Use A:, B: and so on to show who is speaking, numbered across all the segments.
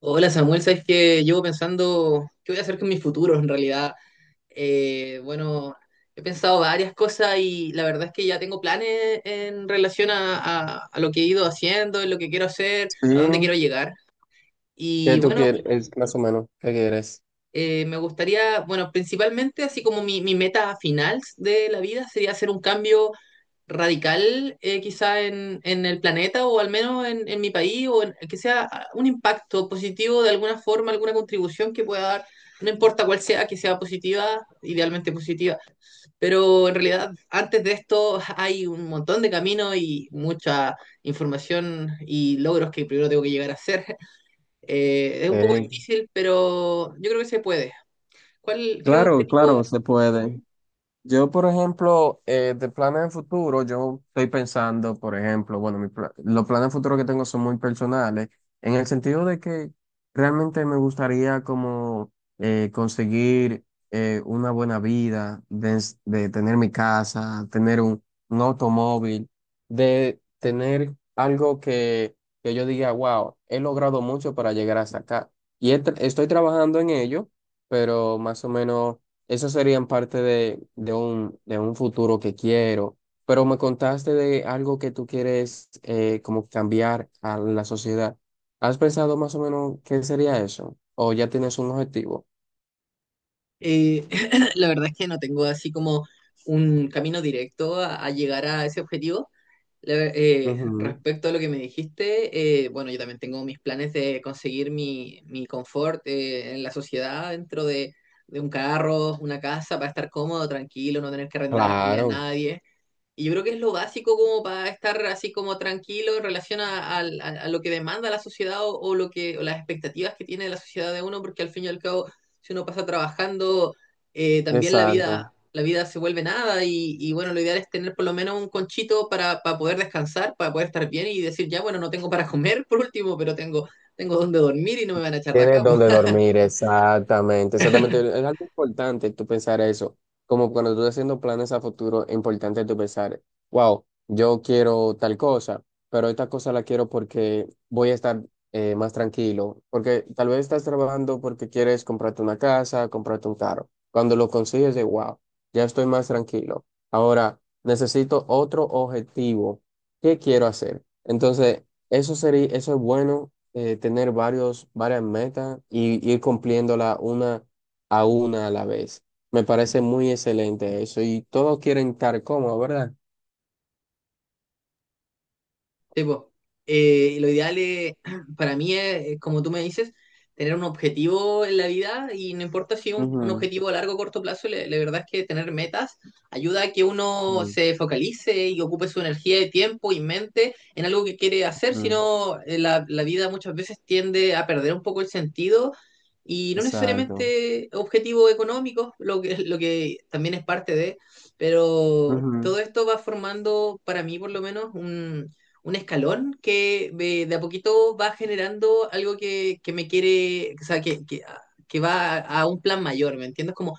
A: Hola Samuel, sabes que llevo pensando qué voy a hacer con mi futuro en realidad. Bueno, he pensado varias cosas y la verdad es que ya tengo planes en relación a lo que he ido haciendo, en lo que quiero hacer,
B: Sí,
A: a dónde quiero llegar.
B: ¿qué
A: Y
B: tú
A: bueno,
B: quieres? Es más o menos, ¿qué quieres?
A: me gustaría, bueno, principalmente así como mi meta final de la vida sería hacer un cambio radical, quizá en el planeta o al menos en mi país o en- que sea, un impacto positivo de alguna forma, alguna contribución que pueda dar, no importa cuál sea, que sea positiva, idealmente positiva. Pero en realidad antes de esto hay un montón de caminos y mucha información y logros que primero tengo que llegar a hacer. Es un poco
B: Eh,
A: difícil, pero yo creo que se puede. ¿Cuál, qué
B: claro,
A: objetivo?
B: claro, se puede. Yo, por ejemplo, de planes de futuro, yo estoy pensando, por ejemplo, bueno, los planes de futuro que tengo son muy personales, en el sentido de que realmente me gustaría como conseguir una buena vida, de tener mi casa, tener un automóvil, de tener algo que yo diga, wow, he logrado mucho para llegar hasta acá. Y estoy trabajando en ello, pero más o menos esas serían parte de un futuro que quiero, pero me contaste de algo que tú quieres como cambiar a la sociedad. ¿Has pensado más o menos qué sería eso? ¿O ya tienes un objetivo?
A: Eh, la verdad es que no tengo así como un camino directo a llegar a ese objetivo.
B: Ujú.
A: Respecto a lo que me dijiste, bueno, yo también tengo mis planes de conseguir mi confort en la sociedad dentro de un carro, una casa, para estar cómodo, tranquilo, no tener que arrendarle a
B: Claro,
A: nadie. Y yo creo que es lo básico como para estar así como tranquilo en relación a lo que demanda la sociedad o lo que, o las expectativas que tiene la sociedad de uno, porque al fin y al cabo, si uno pasa trabajando, también la
B: exacto.
A: vida, la vida se vuelve nada y, y bueno, lo ideal es tener por lo menos un conchito para poder descansar, para poder estar bien y decir, ya, bueno, no tengo para comer por último, pero tengo, tengo donde dormir y no me van a echar de acá.
B: Tienes donde dormir, exactamente, exactamente. Es algo importante tú pensar eso. Como cuando tú estás haciendo planes a futuro, es importante tú pensar, wow, yo quiero tal cosa, pero esta cosa la quiero porque voy a estar más tranquilo. Porque tal vez estás trabajando porque quieres comprarte una casa, comprarte un carro. Cuando lo consigues, de wow, ya estoy más tranquilo. Ahora necesito otro objetivo. ¿Qué quiero hacer? Entonces, eso sería, eso es bueno tener varios, varias metas y ir cumpliéndola una a la vez. Me parece muy excelente eso y todos quieren estar cómodos, ¿verdad?
A: Sí, po. Lo ideal es, para mí es, como tú me dices, tener un objetivo en la vida y no importa si un, un
B: Ujú,
A: objetivo a largo o corto plazo, verdad es que tener metas ayuda a que uno
B: sí,
A: se focalice y ocupe su energía y tiempo y mente en algo que quiere hacer. Si
B: ujú.
A: sino la vida muchas veces tiende a perder un poco el sentido y no
B: Exacto.
A: necesariamente objetivos económicos, lo que, lo que también es parte de, pero todo esto va formando para mí por lo menos un escalón que, de a poquito va generando algo que me quiere, o sea, que, que va a un plan mayor, ¿me entiendes? Como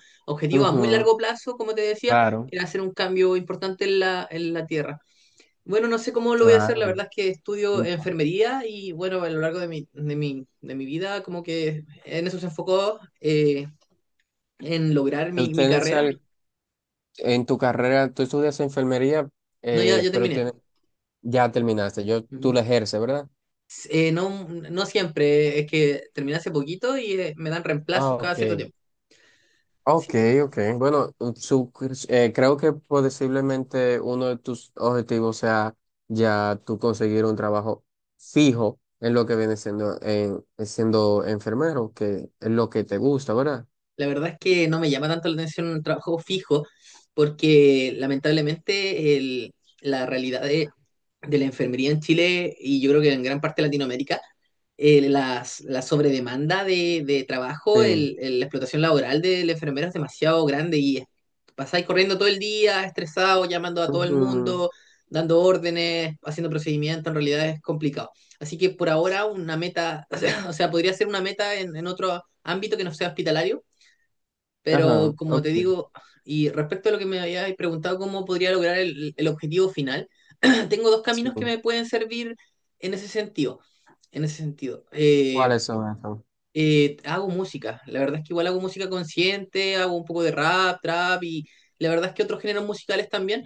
B: Ujú,
A: objetivo a muy
B: ujú.
A: largo plazo, como te decía,
B: Claro,
A: era hacer un cambio importante en la tierra. Bueno, no sé cómo lo voy a hacer, la
B: claro.
A: verdad es que estudio
B: Un pa-
A: enfermería y bueno, a lo largo de mi vida como que en eso se enfocó, en lograr
B: Tú
A: mi
B: tienes
A: carrera.
B: al- en tu carrera, tú estudias enfermería,
A: No, ya,
B: eh,
A: ya
B: pero
A: terminé.
B: tienes- ya terminaste. Yo, tú
A: Ujú.
B: la ejerces, ¿verdad?
A: No, no siempre, es que terminé hace poquito y me dan
B: Ah,
A: reemplazos cada
B: ok.
A: cierto tiempo. Sí,
B: Ok, ok. Bueno, creo que posiblemente uno de tus objetivos sea ya tú conseguir un trabajo fijo en lo que viene siendo, en, siendo enfermero, que es lo que te gusta, ¿verdad?
A: la verdad es que no me llama tanto la atención un trabajo fijo porque lamentablemente el- la realidad de la enfermería en Chile y yo creo que en gran parte de Latinoamérica, las- la sobredemanda de trabajo,
B: Sí.
A: la explotación laboral de la enfermera es demasiado grande y pasáis corriendo todo el día, estresado, llamando a todo el
B: Ujú.
A: mundo, dando órdenes, haciendo procedimientos, en realidad es complicado. Así que por ahora una meta, o sea, podría ser una meta en otro ámbito que no sea hospitalario, pero
B: Ajá,
A: como
B: ok.
A: te digo, y respecto a lo que me habías preguntado, cómo podría lograr el objetivo final, tengo dos
B: Sí.
A: caminos que me pueden servir en ese sentido. En ese sentido,
B: ¿Cuáles son esos?
A: hago música. La verdad es que igual hago música consciente, hago un poco de rap, trap y la verdad es que otros géneros musicales también,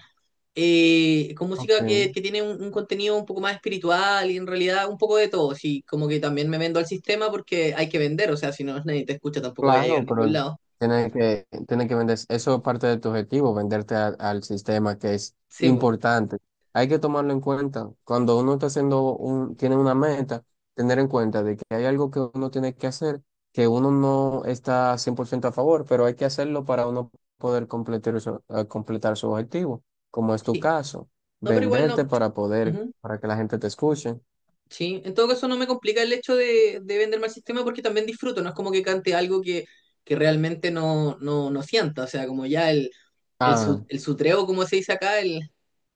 A: con música
B: Ok.
A: que tiene un contenido un poco más espiritual y en realidad un poco de todo. Sí, como que también me vendo al sistema porque hay que vender, o sea, si no nadie te escucha tampoco voy a llegar a
B: Claro,
A: ningún
B: pero
A: lado.
B: tiene que vender, eso es parte de tu objetivo, venderte al sistema que es
A: Sí, po.
B: importante. Hay que tomarlo en cuenta. Cuando uno está haciendo un, tiene una meta, tener en cuenta de que hay algo que uno tiene que hacer, que uno no está 100% a favor, pero hay que hacerlo para uno poder completar su objetivo, como es tu
A: Sí.
B: caso,
A: No, pero igual
B: venderte
A: no.
B: para poder,
A: Ujú.
B: para que la gente te escuche.
A: Sí, en todo caso no me complica el hecho de vender mal sistema porque también disfruto, no es como que cante algo que realmente no, no, no sienta, o sea, como ya
B: Ah,
A: su- el sutreo, como se dice acá, el,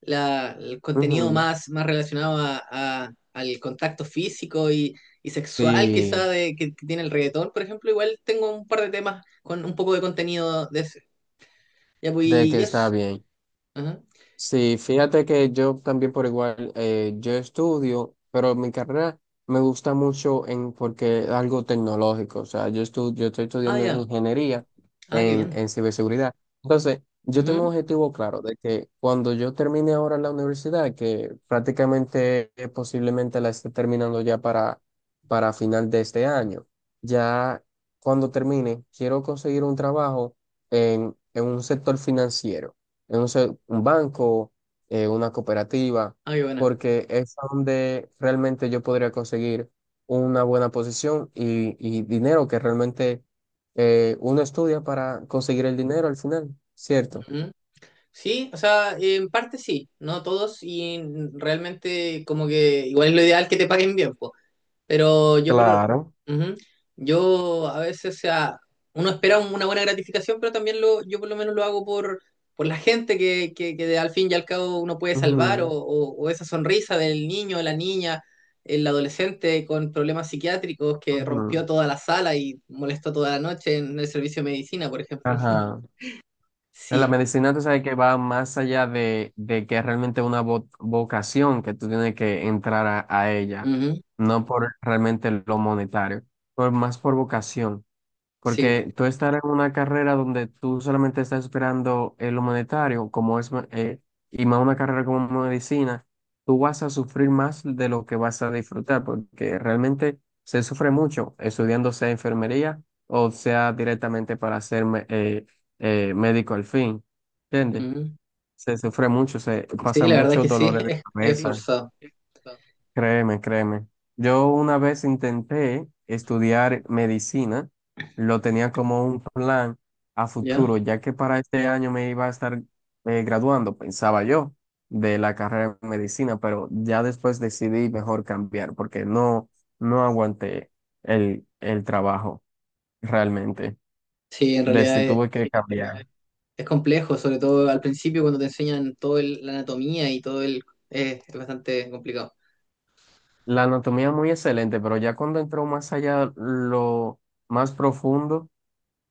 A: la- el contenido
B: ujú,
A: más, más relacionado a- al contacto físico y sexual quizá
B: sí,
A: de, que tiene el reggaetón, por ejemplo, igual tengo un par de temas con un poco de contenido de ese. Ya, pues,
B: de que
A: y
B: está
A: eso.
B: bien.
A: Ajá.
B: Sí, fíjate que yo también por igual, yo estudio, pero mi carrera me gusta mucho en, porque es algo tecnológico, o sea, yo, yo estoy
A: Ah,
B: estudiando
A: ya.
B: ingeniería
A: Ah, qué bien.
B: en ciberseguridad. Entonces, yo tengo un
A: Ujú.
B: objetivo claro de que cuando yo termine ahora la universidad, que prácticamente posiblemente la esté terminando ya para final de este año, ya cuando termine, quiero conseguir un trabajo en un sector financiero no sé, un banco, una cooperativa,
A: Ah, qué buena.
B: porque es donde realmente yo podría conseguir una buena posición y dinero que realmente uno estudia para conseguir el dinero al final, ¿cierto?
A: Sí, o sea, en parte sí, no todos y realmente como que igual es lo ideal que te paguen bien, po. Pero yo por,
B: Claro.
A: ujú, yo a veces, o sea, uno espera un- una buena gratificación, pero también lo, yo por lo menos lo hago por la gente que de- al fin y al cabo uno puede salvar
B: Ujú,
A: o esa sonrisa del niño, la niña, el adolescente con problemas psiquiátricos que rompió
B: ujú.
A: toda la sala y molestó toda la noche en el servicio de medicina, por ejemplo.
B: Ajá. En la
A: Sí,
B: medicina, tú sabes que va más allá de que es realmente una vocación que tú tienes que entrar a ella,
A: ujú,
B: no por realmente lo monetario, por más por vocación.
A: sí.
B: Porque tú estar en una carrera donde tú solamente estás esperando el monetario como es, y más una carrera como medicina, tú vas a sufrir más de lo que vas a disfrutar, porque realmente se sufre mucho estudiando sea enfermería o sea directamente para ser médico al fin, ¿entiendes?
A: Ujú.
B: Se sufre mucho, se
A: Sí,
B: pasa
A: la verdad
B: muchos
A: que sí,
B: dolores de Sí,
A: es
B: cabeza.
A: forzado,
B: Créeme, créeme. Yo una vez intenté estudiar medicina, lo tenía como un plan a
A: ¿ya?
B: futuro, ya que para este año me iba a estar graduando, pensaba yo, de la carrera de medicina, pero ya después decidí mejor cambiar porque no, no aguanté el trabajo realmente.
A: Sí, en realidad
B: Decí, tuve que cambiar.
A: es complejo, sobre todo al principio cuando te enseñan toda la anatomía y todo el... es bastante complicado.
B: La anatomía muy excelente, pero ya cuando entró más allá, lo más profundo.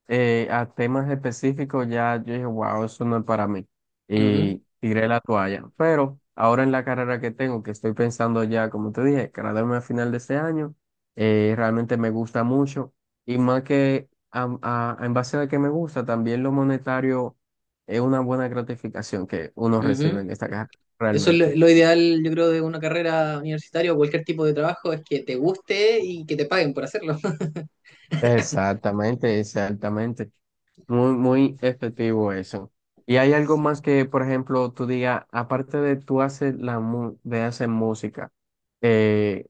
B: A temas específicos ya yo dije, wow, eso no es para mí.
A: Ujú,
B: Y tiré la toalla. Pero ahora en la carrera que tengo, que estoy pensando ya, como te dije, graduarme a final de este año, realmente me gusta mucho. Y más que en base a que me gusta, también lo monetario es una buena gratificación que uno
A: ujú.
B: recibe en esta carrera,
A: Eso es
B: realmente.
A: lo ideal, yo creo, de una carrera universitaria o cualquier tipo de trabajo, es que te guste y que te paguen por hacerlo.
B: Exactamente, exactamente. Muy, muy efectivo eso. ¿Y hay algo más que, por ejemplo, tú digas, aparte de tú hacer de hacer música, eh,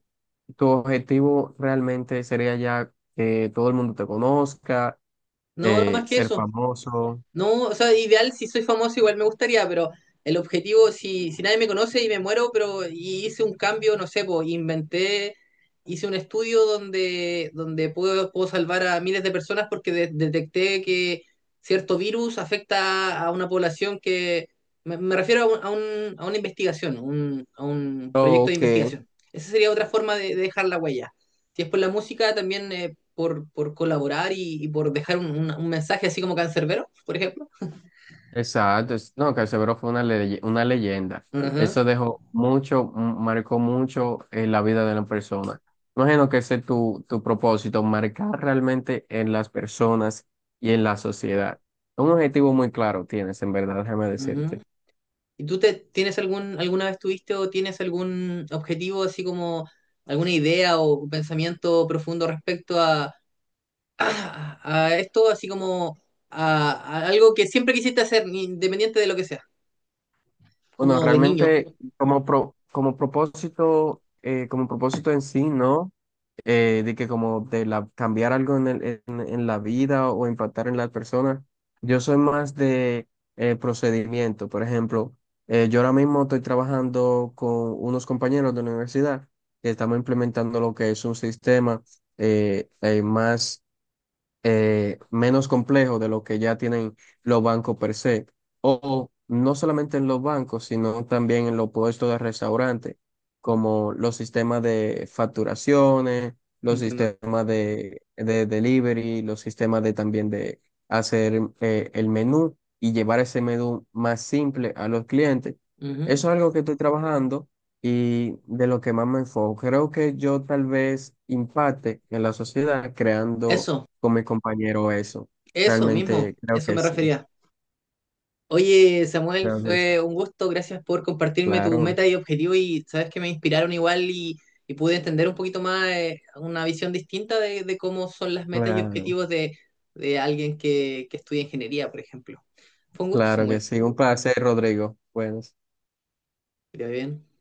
B: tu objetivo realmente sería ya que todo el mundo te conozca,
A: No, no más que
B: ser
A: eso.
B: famoso?
A: No, o sea, ideal, si soy famoso igual me gustaría, pero el objetivo, si, si nadie me conoce y me muero, pero y hice un cambio, no sé, pues inventé, hice un estudio donde, donde puedo, puedo salvar a miles de personas porque de- detecté que cierto virus afecta a una población que, me refiero a, un- a, un- a una investigación, un- a un
B: Oh,
A: proyecto de
B: ok.
A: investigación. Esa sería otra forma de dejar la huella. Si es por la música, también por colaborar y por dejar un mensaje así como cancerbero, por ejemplo.
B: Exacto, no, Canserbero fue una, una leyenda.
A: Ajá,
B: Eso dejó mucho, marcó mucho en la vida de la persona. Imagino que ese es tu, tu propósito, marcar realmente en las personas y en la sociedad. Un objetivo muy claro tienes, en verdad, déjame
A: ajá.
B: decirte.
A: ¿Y tú te, tienes algún, alguna vez tuviste o tienes algún objetivo, así como alguna idea o pensamiento profundo respecto a, a, a esto, así como a algo que siempre quisiste hacer, independiente de lo que sea,
B: Bueno,
A: como de niño?
B: realmente como, como propósito en sí, ¿no? De que como de la, cambiar algo en, en la vida o impactar en las personas. Yo soy más de procedimiento. Por ejemplo, yo ahora mismo estoy trabajando con unos compañeros de la universidad que estamos implementando lo que es un sistema más menos complejo de lo que ya tienen los bancos per se. O no solamente en los bancos, sino también en los puestos de restaurante, como los sistemas de facturaciones, los
A: Entiendo.
B: sistemas de delivery, los sistemas de también de hacer el menú y llevar ese menú más simple a los clientes.
A: Ujú.
B: Eso es algo que estoy trabajando y de lo que más me enfoco. Creo que yo tal vez impacte en la sociedad creando
A: Eso,
B: con mi compañero eso.
A: eso mismo,
B: Realmente creo
A: eso
B: que
A: me
B: sí,
A: refería. Oye, Samuel,
B: creo que sí.
A: fue un gusto. Gracias por compartirme tus
B: Claro,
A: metas y objetivos y sabes que me inspiraron igual y pude entender un poquito más, una visión distinta de cómo son las metas y
B: claro,
A: objetivos de alguien que estudia ingeniería, por ejemplo. Fue un gusto,
B: claro
A: Samuel.
B: que sí. Un placer, Rodrigo. Bueno.
A: Que te vaya bien.